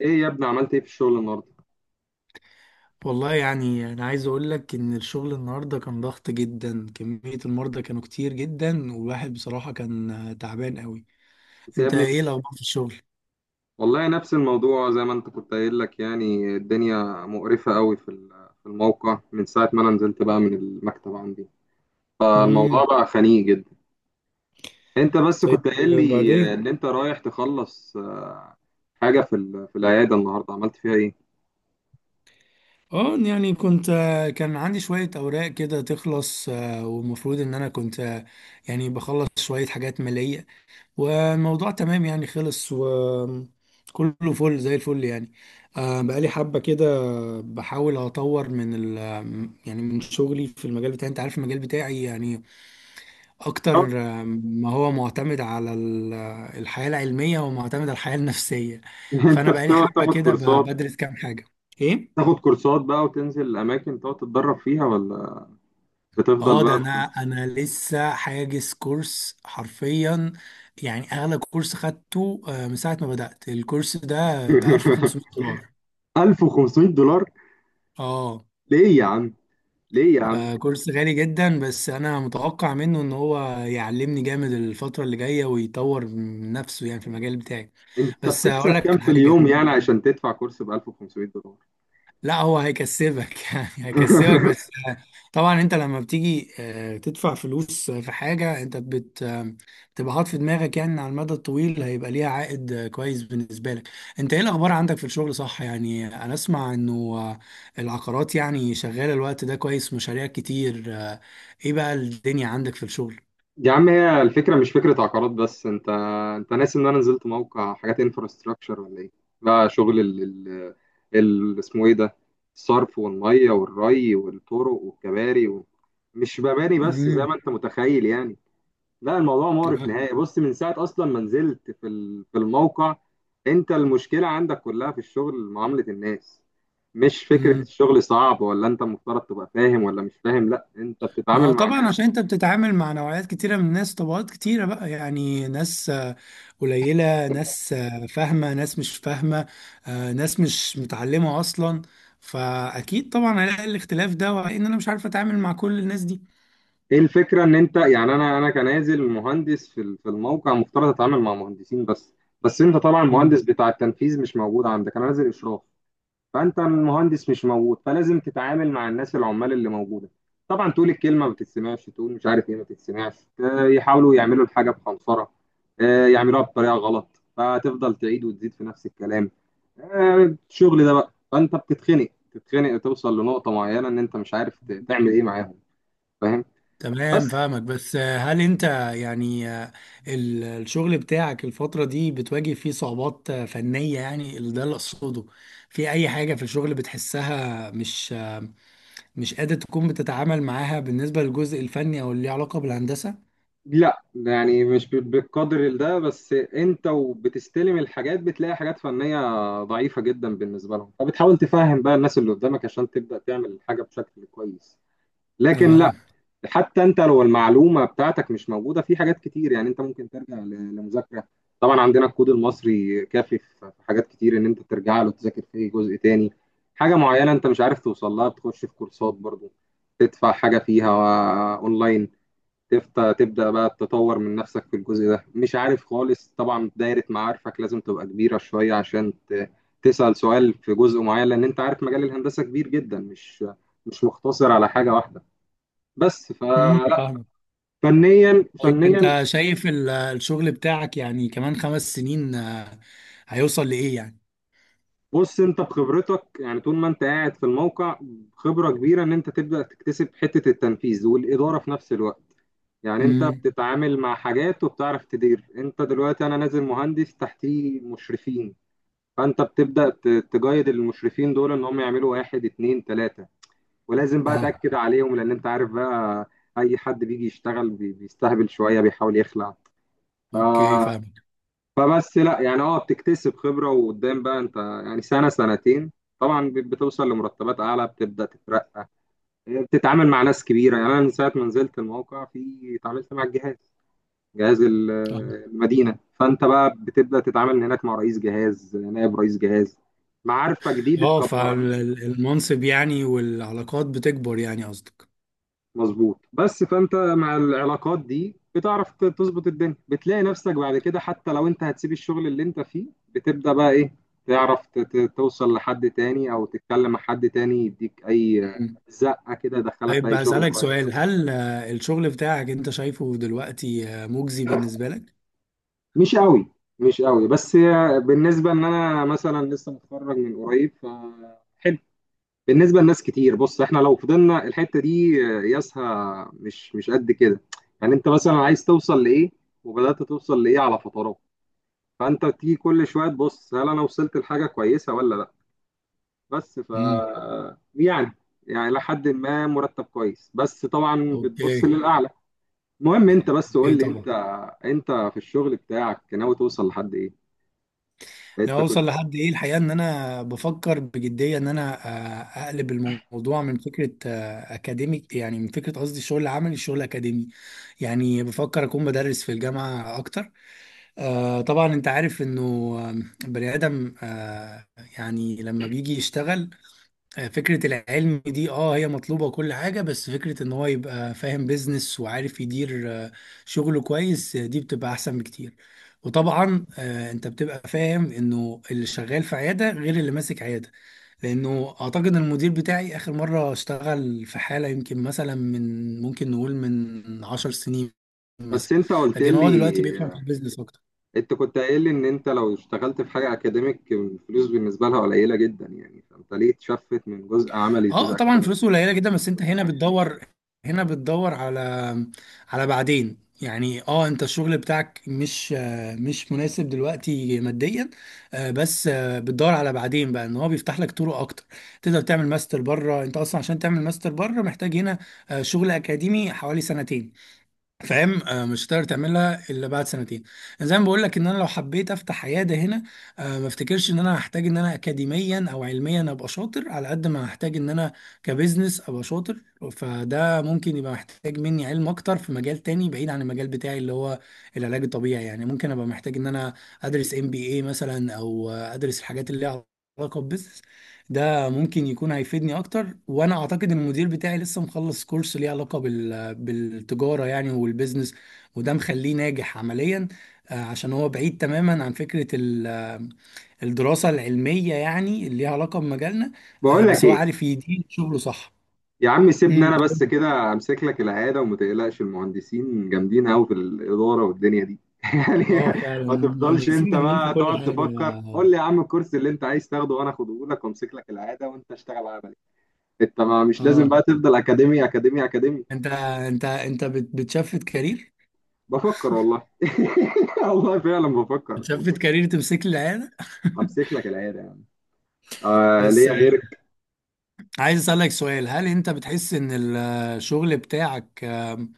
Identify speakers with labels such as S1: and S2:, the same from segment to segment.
S1: ايه يا ابني، عملت ايه في الشغل النهارده؟
S2: والله يعني أنا عايز أقول لك إن الشغل النهاردة كان ضغط جدا، كمية المرضى كانوا كتير جدا، والواحد بصراحة كان تعبان قوي.
S1: انت يا
S2: أنت
S1: ابني
S2: إيه
S1: مش...
S2: الأخبار في الشغل؟
S1: والله نفس الموضوع زي ما انت كنت قايل، لك يعني الدنيا مقرفة قوي في الموقع من ساعة ما انا نزلت بقى من المكتب عندي. فالموضوع
S2: امم
S1: بقى خنيق جدا. انت بس
S2: طيب،
S1: كنت قايل لي
S2: بعدين.
S1: ان انت رايح تخلص حاجة في العيادة النهارده، عملت فيها ايه؟
S2: اه يعني كنت، كان عندي شوية أوراق كده تخلص والمفروض إن أنا كنت يعني بخلص شوية حاجات مالية، والموضوع تمام يعني خلص وكله فل زي الفل يعني. بقالي حبة كده بحاول أطور من ال يعني من شغلي في المجال بتاعي، أنت عارف المجال بتاعي يعني
S1: أو-
S2: أكتر، ما هو معتمد على الحياة العلمية ومعتمد على الحياة النفسية.
S1: انت
S2: فأنا بقالي
S1: بتقعد
S2: حبة
S1: تاخد
S2: كده
S1: كورسات؟
S2: بدرس كام حاجة. إيه؟
S1: تاخد كورسات بقى وتنزل اماكن تقعد تتدرب فيها، ولا بتفضل
S2: اه ده
S1: بقى
S2: انا
S1: في-
S2: انا لسه حاجز كورس حرفيا. يعني اغلى كورس خدته من ساعه ما بدات الكورس ده ب 1500 دولار
S1: $1500؟
S2: اه.
S1: ليه يا عم؟ ليه يا عم؟
S2: كورس غالي جدا، بس انا متوقع منه ان هو يعلمني جامد الفتره اللي جايه ويطور من نفسه يعني في المجال بتاعي.
S1: انت
S2: بس
S1: بتكسب
S2: اقول
S1: كام
S2: لك
S1: في
S2: حاجه،
S1: اليوم يعني عشان تدفع كورس ب $1500؟
S2: لا هو هيكسبك يعني هيكسبك، بس طبعا انت لما بتيجي تدفع فلوس في حاجة، انت بت آه، بتبقى حاطط في دماغك يعني إن على المدى الطويل هيبقى ليها عائد كويس بالنسبة لك. انت ايه الاخبار عندك في الشغل؟ صح، يعني انا اسمع انه آه، العقارات يعني شغالة الوقت ده كويس، مشاريع كتير، ايه بقى الدنيا عندك في الشغل؟
S1: يا عم، هي الفكره مش فكره عقارات بس. انت ناسي ان انا نزلت موقع حاجات انفراستراكشر ولا ايه؟ بقى شغل اسمه ايه ده؟ الصرف والميه والري والطرق والكباري و... مش مباني بس زي
S2: امم.
S1: ما انت متخيل يعني. لا، الموضوع مغرق نهائي. بص، من ساعة أصلا ما نزلت في الموقع. أنت المشكلة عندك كلها في الشغل، معاملة الناس. مش فكرة الشغل صعب ولا أنت المفترض تبقى فاهم ولا مش فاهم، لا، أنت
S2: ما
S1: بتتعامل
S2: هو
S1: مع
S2: طبعا
S1: ناس.
S2: عشان انت بتتعامل مع نوعيات كتيرة من الناس، طبقات كتيرة بقى، يعني ناس قليلة، ناس فاهمة، ناس مش فاهمة، ناس مش متعلمة أصلا. فأكيد طبعا هلاقي الاختلاف ده، وإن أنا مش عارف أتعامل مع كل الناس دي.
S1: إيه الفكرة إن أنت يعني؟ أنا كنازل مهندس في الموقع، مفترض أتعامل مع مهندسين بس. بس أنت طبعا
S2: مم.
S1: المهندس بتاع التنفيذ مش موجود عندك، أنا نازل إشراف. فانت المهندس مش موجود، فلازم تتعامل مع الناس العمال اللي موجوده. طبعا تقول الكلمه ما بتتسمعش، تقول مش عارف ايه، ما بتتسمعش. يحاولوا يعملوا الحاجه بخنصره، يعملوها بطريقه غلط، فتفضل تعيد وتزيد في نفس الكلام. الشغل ده بقى، فانت بتتخنق، تتخنق، توصل لنقطه معينه ان انت مش عارف تعمل ايه معاهم، فاهم؟ بس
S2: تمام، فاهمك. بس هل انت يعني الشغل بتاعك الفترة دي بتواجه فيه صعوبات فنية، يعني اللي ده اللي أقصده؟ في أي حاجة في الشغل بتحسها مش قادر تكون بتتعامل معاها بالنسبة للجزء الفني أو اللي ليه علاقة بالهندسة؟
S1: لا، يعني مش ب- بالقدر ده، بس انت وبتستلم الحاجات بتلاقي حاجات فنية ضعيفة جدا بالنسبة لهم، فبتحاول تفهم بقى الناس اللي قدامك عشان تبدأ تعمل حاجة بشكل كويس. لكن
S2: اه.
S1: لا، حتى انت لو المعلومة بتاعتك مش موجودة في حاجات كتير، يعني انت ممكن ترجع لمذاكرة. طبعا عندنا الكود المصري كافي في في حاجات كتير، ان انت ترجع له تذاكر فيه. جزء تاني، حاجة معينة انت مش عارف توصل لها، بتخش في كورسات برضو، تدفع حاجة فيها اونلاين، تبدأ بقى تطور من نفسك في الجزء ده. مش عارف خالص، طبعا دايرة معارفك لازم تبقى كبيرة شوية عشان تسأل سؤال في جزء معين، لأن أنت عارف مجال الهندسة كبير جدا، مش مقتصر على حاجة واحدة بس.
S2: امم،
S1: فلا
S2: فاهمك.
S1: فنيا،
S2: طيب
S1: فنيا،
S2: أنت شايف الشغل بتاعك يعني كمان 5 سنين، هيوصل لإيه يعني؟
S1: بص أنت بخبرتك يعني طول ما أنت قاعد في الموقع، خبرة كبيرة إن أنت تبدأ تكتسب حتة التنفيذ والإدارة في نفس الوقت. يعني أنت
S2: امم.
S1: بتتعامل مع حاجات وبتعرف تدير. أنت دلوقتي أنا نازل مهندس تحتيه مشرفين، فانت بتبدا تجايد المشرفين دول ان هم يعملوا واحد اتنين تلاته، ولازم بقى
S2: اه،
S1: تاكد عليهم، لان انت عارف بقى اي حد بيجي يشتغل بيستهبل شويه، بيحاول يخلع. ف...
S2: اوكي فاهمك.
S1: فبس لا، يعني اه بتكتسب خبره، وقدام بقى انت يعني سنه سنتين، طبعا بتوصل لمرتبات اعلى، بتبدا تترقى، بتتعامل مع ناس كبيره. يعني انا من ساعه ما نزلت الموقع في اتعاملت مع الجهاز، جهاز
S2: اه
S1: المدينة، فأنت بقى بتبدأ تتعامل هناك مع رئيس جهاز، نائب رئيس جهاز، معارفك دي بتكبرك.
S2: فالمنصب يعني والعلاقات بتكبر يعني، قصدك.
S1: مظبوط، بس فأنت مع العلاقات دي بتعرف تظبط الدنيا، بتلاقي نفسك بعد كده حتى لو أنت هتسيب الشغل اللي أنت فيه بتبدأ بقى إيه، تعرف توصل لحد تاني أو تتكلم مع حد تاني يديك أي
S2: مم.
S1: زقة كده يدخلك في
S2: طيب
S1: أي شغل
S2: هسألك
S1: كويس.
S2: سؤال، هل الشغل بتاعك أنت شايفه دلوقتي مجزي بالنسبة لك؟
S1: مش قوي، مش قوي، بس هي بالنسبة إن أنا مثلا لسه متخرج من قريب. ف بالنسبه لناس كتير، بص احنا لو فضلنا الحته دي قياسها مش، مش قد كده. يعني انت مثلا عايز توصل لايه، وبدات توصل لايه على فترات؟ فانت تيجي كل شويه تبص هل انا وصلت لحاجه كويسه ولا لا. بس ف
S2: امم.
S1: يعني، يعني لحد ما مرتب كويس، بس طبعا بتبص
S2: اوكي.
S1: للاعلى. المهم انت بس
S2: اوكي
S1: قول لي انت،
S2: طبعا.
S1: انت في الشغل بتاعك ناوي توصل لحد ايه؟
S2: أنا
S1: انت كنت...
S2: اوصل لحد ايه؟ الحقيقه ان انا بفكر بجديه ان انا اقلب الموضوع من فكره اكاديميك، يعني من فكره، قصدي الشغل العملي، الشغل اكاديمي. يعني بفكر اكون بدرس في الجامعه اكتر. طبعا انت عارف انه بني ادم يعني لما بيجي يشتغل، فكرة العلم دي اه هي مطلوبة وكل حاجة، بس فكرة ان هو يبقى فاهم بيزنس وعارف يدير شغله كويس، دي بتبقى احسن بكتير. وطبعا انت بتبقى فاهم انه اللي شغال في عيادة غير اللي ماسك عيادة. لانه اعتقد إن المدير بتاعي اخر مرة اشتغل في حالة يمكن مثلا من، ممكن نقول من 10 سنين
S1: بس
S2: مثلا.
S1: انت قلت
S2: لكن هو دلوقتي بيفهم في
S1: لي
S2: البيزنس.
S1: انت كنت قايل لي ان انت لو اشتغلت في حاجه اكاديميك الفلوس بالنسبه لها قليله جدا، يعني فانت ليه تشفت من جزء عملي
S2: اه
S1: لجزء
S2: طبعا
S1: اكاديميك؟
S2: فلوسه قليله جدا، بس انت هنا بتدور، هنا بتدور على، على بعدين يعني. اه انت الشغل بتاعك مش مش مناسب دلوقتي ماديا، بس بتدور على بعدين بقى، ان هو بيفتح لك طرق اكتر. تقدر تعمل ماستر بره. انت اصلا عشان تعمل ماستر بره محتاج هنا شغل اكاديمي حوالي سنتين. فاهم؟ مش هتقدر تعملها الا بعد سنتين. يعني زي ما بقول لك، ان انا لو حبيت افتح عياده هنا، ما افتكرش ان انا هحتاج ان انا اكاديميا او علميا ابقى شاطر على قد ما هحتاج ان انا كبزنس ابقى شاطر. فده ممكن يبقى محتاج مني علم اكتر في مجال تاني بعيد عن المجال بتاعي اللي هو العلاج الطبيعي. يعني ممكن ابقى محتاج ان انا ادرس ام بي اي مثلا، او ادرس الحاجات اللي ليها علاقه ببزنس. ده ممكن يكون هيفيدني اكتر. وانا اعتقد ان المدير بتاعي لسه مخلص كورس ليه علاقه بالتجاره يعني والبيزنس، وده مخليه ناجح عمليا. عشان هو بعيد تماما عن فكره ال... آه، الدراسه العلميه يعني اللي ليها علاقه بمجالنا،
S1: بقول لك
S2: بس هو
S1: ايه
S2: عارف يدير شغله صح.
S1: يا عم، سيبني
S2: امم.
S1: انا بس كده امسك لك العياده، وما تقلقش، المهندسين جامدين قوي في الاداره والدنيا دي يعني.
S2: اه فعلا
S1: ما تفضلش
S2: المهندسين
S1: انت
S2: جامدين في
S1: بقى
S2: كل
S1: تقعد
S2: حاجه.
S1: تفكر، قول لي يا عم الكورس اللي انت عايز تاخده وانا اخده لك، وامسك لك العياده وانت اشتغل عملي. انت ما مش لازم بقى
S2: اه.
S1: تفضل اكاديمي اكاديمي اكاديمي.
S2: انت، انت بتشفت كارير.
S1: بفكر والله. والله فعلا بفكر.
S2: بتشفت كارير، تمسك لي العيال.
S1: امسك لك العياده، آه
S2: بس
S1: ليا غيرك.
S2: عايز أسألك سؤال، هل أنت بتحس إن الشغل بتاعك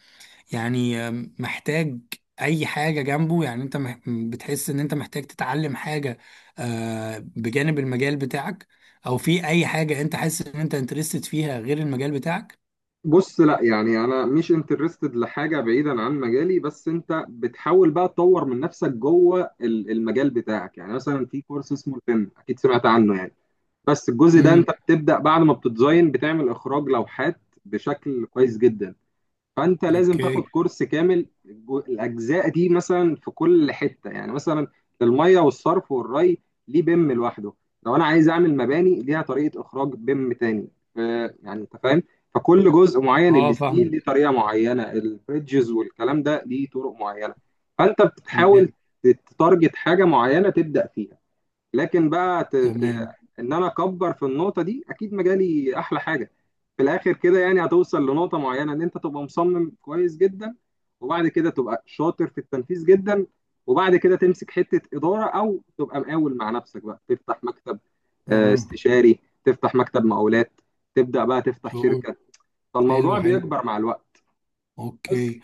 S2: يعني محتاج أي حاجة جنبه؟ يعني أنت بتحس إن أنت محتاج تتعلم حاجة بجانب المجال بتاعك؟ أو في أي حاجة أنت حاسس إن أنت انترستد فيها غير المجال بتاعك؟
S1: بص لا يعني انا مش انترستد لحاجه بعيدا عن مجالي، بس انت بتحاول بقى تطور من نفسك جوه المجال بتاعك. يعني مثلا في كورس اسمه الفن، اكيد سمعت عنه يعني، بس الجزء ده
S2: امم.
S1: انت بتبدا بعد ما بتديزاين بتعمل اخراج لوحات بشكل كويس جدا. فانت لازم تاخد
S2: أوكي.
S1: كورس كامل. الاجزاء دي مثلا في كل حته، يعني مثلا الميه والصرف والري ليه بيم لوحده، لو انا عايز اعمل مباني ليها طريقه اخراج بيم تاني. ف- يعني انت فاهم. فكل جزء معين،
S2: أه
S1: الستيل
S2: فاهم.
S1: ليه طريقه معينه، البريدجز والكلام ده ليه طرق معينه. فانت بتحاول
S2: تمام.
S1: تتارجت حاجه معينه تبدا فيها. لكن بقى ت... ت...
S2: تمام.
S1: ان انا اكبر في النقطه دي، اكيد مجالي احلى حاجه. في الاخر كده يعني هتوصل لنقطه معينه ان انت تبقى مصمم كويس جدا، وبعد كده تبقى شاطر في التنفيذ جدا، وبعد كده تمسك حته اداره، او تبقى مقاول مع نفسك بقى، تفتح مكتب
S2: أه.
S1: استشاري، تفتح مكتب مقاولات، تبدا بقى تفتح
S2: شعور.
S1: شركه.
S2: حلو
S1: فالموضوع
S2: حلو.
S1: بيكبر مع الوقت. بس
S2: أوكي.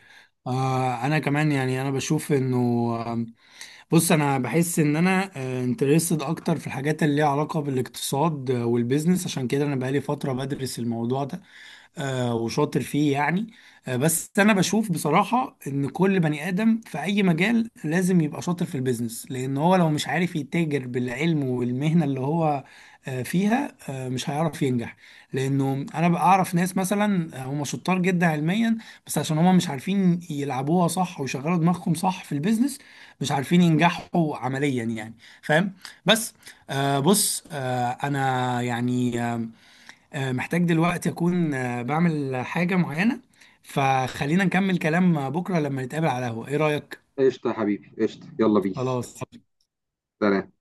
S2: أنا كمان يعني، أنا بشوف إنه، بص انا بحس ان انا انترستد اكتر في الحاجات اللي ليها علاقه بالاقتصاد والبيزنس. عشان كده انا بقالي فتره بدرس الموضوع ده، وشاطر فيه يعني. بس انا بشوف بصراحة ان كل بني ادم في اي مجال لازم يبقى شاطر في البيزنس، لان هو لو مش عارف يتاجر بالعلم والمهنة اللي هو فيها، مش هيعرف ينجح. لانه انا بقى اعرف ناس مثلا هم شطار جدا علميا، بس عشان هم مش عارفين يلعبوها صح ويشغلوا دماغهم صح في البيزنس، مش عارفين ينجحوا عمليا يعني. فاهم؟ بس بص انا يعني محتاج دلوقتي أكون بعمل حاجة معينة. فخلينا نكمل كلام بكرة لما نتقابل على القهوة، إيه رأيك؟
S1: قشطه يا حبيبي، قشطه، يلا بيس،
S2: خلاص.
S1: سلام.